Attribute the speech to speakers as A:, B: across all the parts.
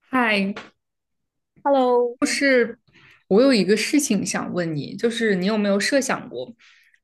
A: 嗨，
B: Hello。
A: 就是我有一个事情想问你，就是你有没有设想过，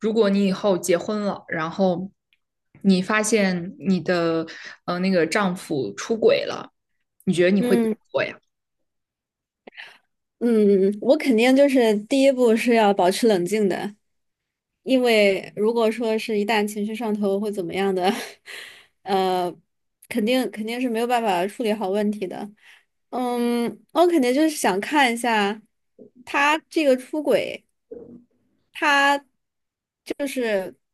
A: 如果你以后结婚了，然后你发现你的丈夫出轨了，你觉得你会怎么
B: 嗯
A: 做呀？
B: 嗯，我肯定就是第一步是要保持冷静的，因为如果说是一旦情绪上头会怎么样的，呃，肯定是没有办法处理好问题的。嗯，我肯定就是想看一下他这个出轨，他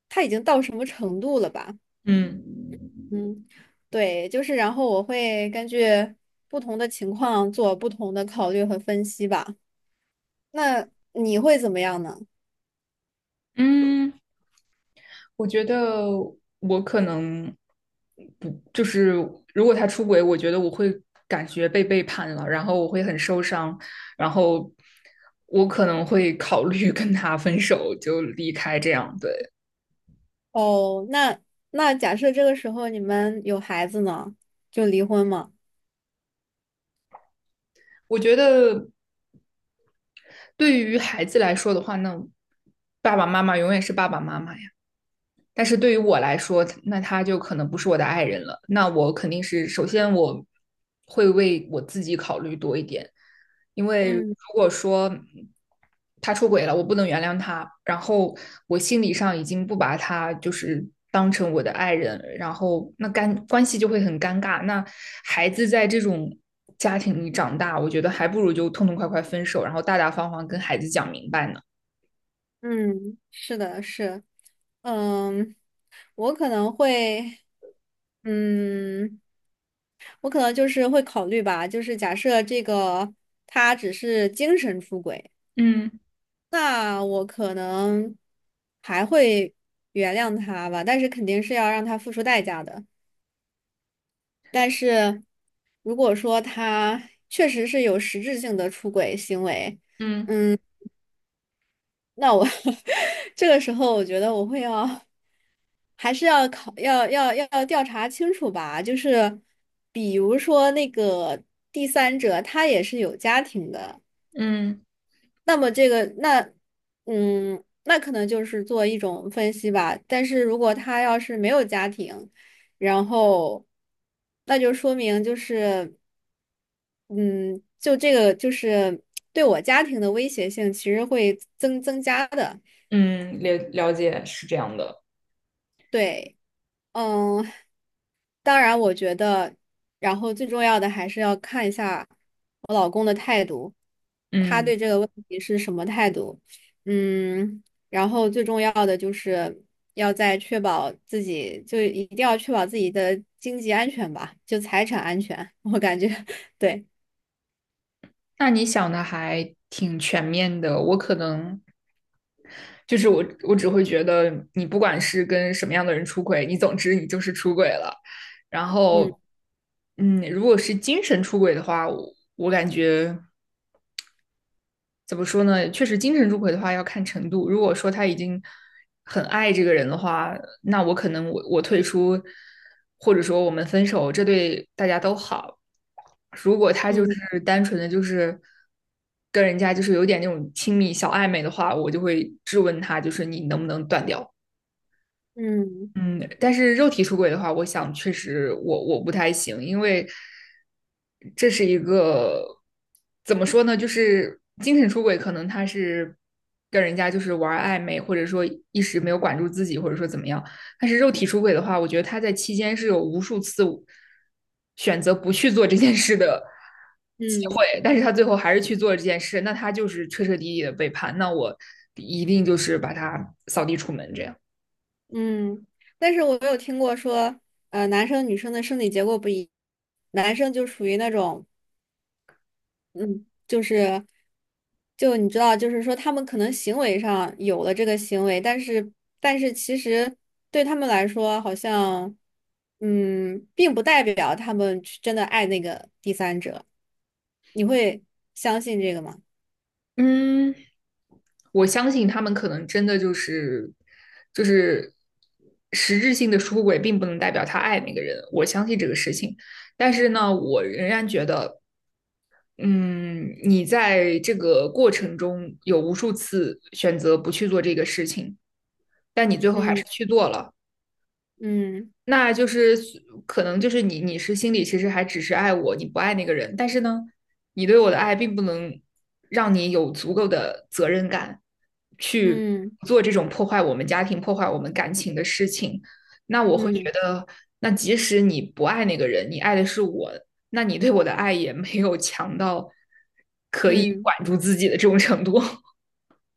B: 他已经到什么程度了吧？
A: 嗯。
B: 嗯，对，就是然后我会根据不同的情况做不同的考虑和分析吧。那你会怎么样呢？
A: 嗯，我觉得我可能不，就是如果他出轨，我觉得我会感觉被背叛了，然后我会很受伤，然后我可能会考虑 跟他分手，就离开这样。对，
B: 哦，那假设这个时候你们有孩子呢，就离婚嘛。
A: 我觉得对于孩子来说的话，那爸爸妈妈永远是爸爸妈妈，但是对于我来说，那他就可能不是我的爱人了。那我肯定是首先我会为我自己考虑多一点，因为如
B: 嗯
A: 果说他出轨了，我不能原谅他，然后我心理上已经不把他当成我的爱人，然后那干关系就会很尴尬。那孩子在这种家庭里长大，我觉得还不如就痛痛快快分手，然后大大方方跟孩子讲明白呢。
B: 嗯，是的，是，嗯，我可能会，嗯，我可能就是会考虑吧，就是假设这个他只是精神出轨，
A: 嗯
B: 那我可能还会原谅他吧，但是肯定是要让他付出代价的。但是如果说他确实是有实质性的出轨行为，
A: 嗯
B: 嗯。那我 这个时候，我觉得我会要还是要考要要要调查清楚吧。就是比如说那个第三者，他也是有家庭的，
A: 嗯。
B: 那么那可能就是做一种分析吧。但是如果他要是没有家庭，然后那就说明就是嗯，就这个就是对我家庭的威胁性其实会增加的，
A: 嗯，了解是这样的，
B: 对。嗯，当然，我觉得，然后最重要的还是要看一下我老公的态度，他
A: 嗯，
B: 对这个问题是什么态度。嗯，然后最重要的就是要在确保自己，就一定要确保自己的经济安全吧，就财产安全。我感觉，对。
A: 那你想的还挺全面的。我可能就是我，我只会觉得你不管是跟什么样的人出轨，你总之你就是出轨了。然
B: 嗯
A: 后，嗯，如果是精神出轨的话，我感觉怎么说呢？确实，精神出轨的话要看程度。如果说他已经很爱这个人的话，那我可能我退出，或者说我们分手，这对大家都好。如果他
B: 嗯
A: 单纯的跟人家有点那种亲密小暧昧的话，我就会质问他，就是你能不能断掉？
B: 嗯
A: 嗯，但是肉体出轨的话，我想确实我不太行，因为这是一个怎么说呢，就是精神出轨，可能他是跟人家玩暧昧，或者说一时没有管住自己，或者说怎么样。但是肉体出轨的话，我觉得他在期间是有无数次选择不去做这件事的机
B: 嗯
A: 会，但是他最后还是去做了这件事，那他就是彻彻底底的背叛，那我一定把他扫地出门这样。
B: 嗯。但是我有听过说，男生女生的生理结构不一，男生就属于那种。嗯，就是，就你知道，就是说他们可能行为上有了这个行为，但是其实对他们来说，好像并不代表他们去真的爱那个第三者。你会相信这个吗？
A: 嗯，我相信他们可能真的就是实质性的出轨，并不能代表他爱那个人。我相信这个事情，但是呢，我仍然觉得，嗯，你在这个过程中有无数次选择不去做这个事情，但你最后还
B: 嗯
A: 是去做了。
B: 嗯
A: 那就是可能你是心里其实还只是爱我，你不爱那个人，但是呢，你对我的爱并不能让你有足够的责任感去
B: 嗯
A: 做这种破坏我们家庭、破坏我们感情的事情。那我会觉
B: 嗯
A: 得，那即使你不爱那个人，你爱的是我，那你对我的爱也没有强到可以
B: 嗯，
A: 管住自己的这种程度。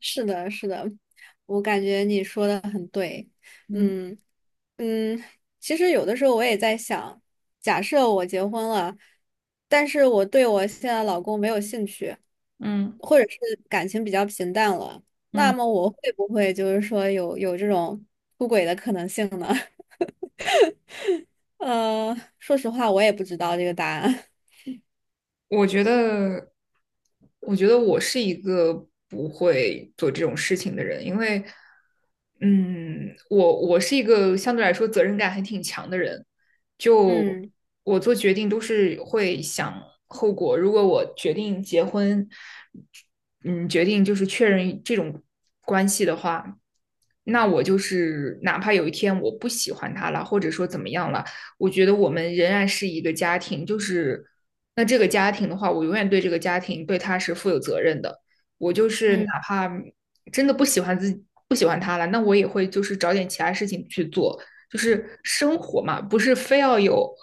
B: 是的，是的，我感觉你说的很对。
A: 嗯
B: 嗯，嗯，其实有的时候我也在想，假设我结婚了，但是我对我现在老公没有兴趣，
A: 嗯
B: 或者是感情比较平淡了，那
A: 嗯，
B: 么我会不会就是说有这种出轨的可能性呢？说实话，我也不知道这个答案。
A: 我觉得，我觉得我是一个不会做这种事情的人，因为，嗯，我是一个相对来说责任感还挺强的人，就
B: 嗯
A: 我做决定都是会想后果。如果我决定结婚，嗯，决定就是确认这种关系的话，那我就是哪怕有一天我不喜欢他了，或者说怎么样了。我觉得我们仍然是一个家庭，就是那这个家庭的话，我永远对这个家庭对他是负有责任的。我就是哪
B: 嗯
A: 怕真的不喜欢自己不喜欢他了，那我也会找点其他事情去做，就是生活嘛，不是非要有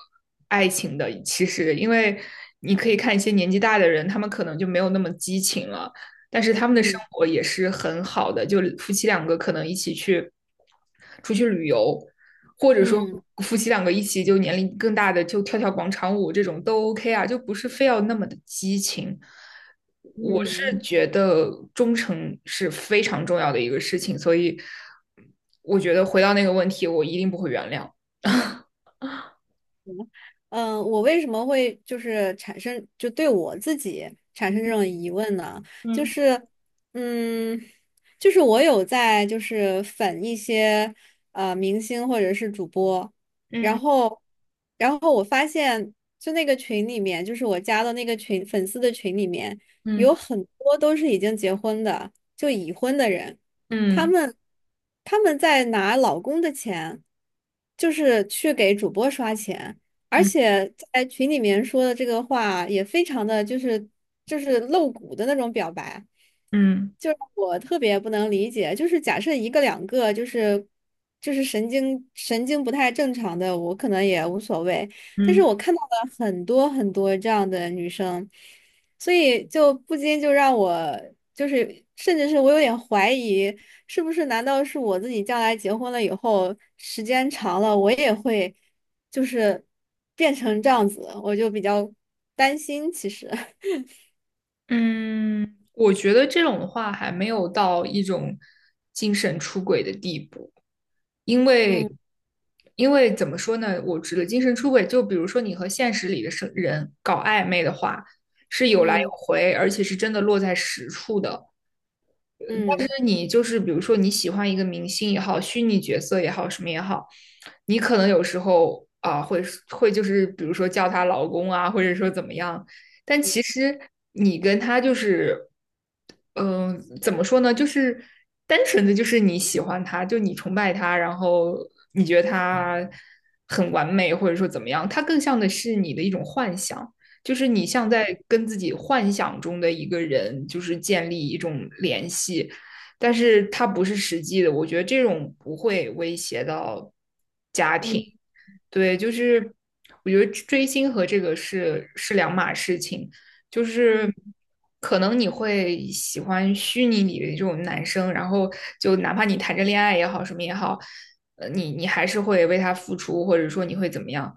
A: 爱情的。其实，因为你可以看一些年纪大的人，他们可能就没有那么激情了，但是他们的生
B: 嗯
A: 活也是很好的，就夫妻两个可能一起去出去旅游，或者说
B: 嗯
A: 夫妻两个一起就年龄更大的就跳跳广场舞这种都 OK 啊，就不是非要那么的激情。我是
B: 嗯。
A: 觉得忠诚是非常重要的一个事情，所以我觉得回到那个问题，我一定不会原谅。
B: 我为什么会就是产生就对我自己产生这种疑问呢？就
A: 嗯
B: 是，嗯，就是我有在就是粉一些明星或者是主播，然
A: 嗯
B: 后，然后我发现就那个群里面，就是我加的那个群粉丝的群里面，
A: 嗯
B: 有很多都是已经结婚的，就已婚的人，他
A: 嗯
B: 们他们在拿老公的钱，就是去给主播刷钱。而
A: 嗯
B: 且在群里面说的这个话也非常的就是露骨的那种表白，
A: 嗯
B: 就是我特别不能理解，就是假设一个两个就是神经不太正常的，我可能也无所谓，但是
A: 嗯
B: 我看到了很多很多这样的女生，所以就不禁就让我就是。甚至是我有点怀疑，是不是难道是我自己将来结婚了以后，时间长了，我也会就是变成这样子，我就比较担心。其实，
A: 嗯，我觉得这种的话还没有到一种精神出轨的地步。因为
B: 嗯
A: 因为怎么说呢，我指的精神出轨，就比如说你和现实里的生人搞暧昧的话，是有来有
B: 嗯
A: 回，而且是真的落在实处的。但
B: 嗯
A: 是你就是比如说你喜欢一个明星也好，虚拟角色也好，什么也好，你可能有时候啊会就是比如说叫他老公啊，或者说怎么样，但其实你跟他就是，嗯、怎么说呢？就是单纯的就是你喜欢他，就你崇拜他，然后你觉得他很完美，或者说怎么样，他更像的是你的一种幻想。就是你像在跟自己幻想中的一个人，就是建立一种联系，但是它不是实际的，我觉得这种不会威胁到家庭，
B: 嗯
A: 对，就是我觉得追星和这个是两码事情，就是
B: 嗯
A: 可能你会喜欢虚拟里的这种男生，然后就哪怕你谈着恋爱也好，什么也好，你还是会为他付出，或者说你会怎么样。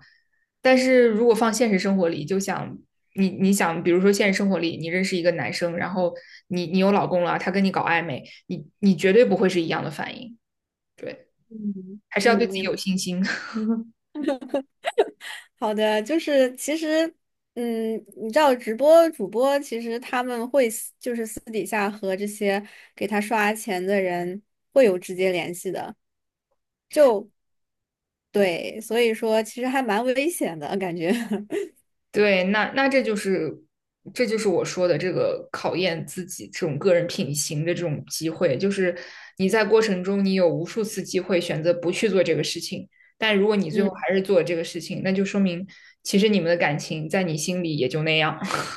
A: 但是如果放现实生活里，就想你想，比如说现实生活里，你认识一个男生，然后你有老公了，他跟你搞暧昧，你绝对不会是一样的反应，对，
B: 嗯
A: 还
B: 嗯，
A: 是要对自己
B: 明
A: 有
B: 白，
A: 信心。
B: 好的，就是其实，你知道直播主播其实他们会私就是私底下和这些给他刷钱的人会有直接联系的，对，所以说其实还蛮危险的感觉。
A: 对，那这就是我说的这个考验自己这种个人品行的这种机会，就是你在过程中你有无数次机会选择不去做这个事情，但如果你最后
B: 嗯。
A: 还是做了这个事情，那就说明其实你们的感情在你心里也就那样。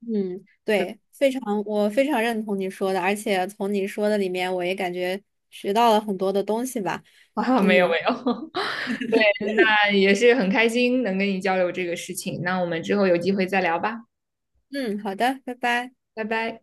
B: 嗯，对，非常，我非常认同你说的，而且从你说的里面，我也感觉学到了很多的东西吧。
A: 啊，没有没
B: 嗯
A: 有，那也是很开心能跟你交流这个事情，那我们之后有机会再聊吧，
B: 嗯，好的，拜拜。
A: 拜拜。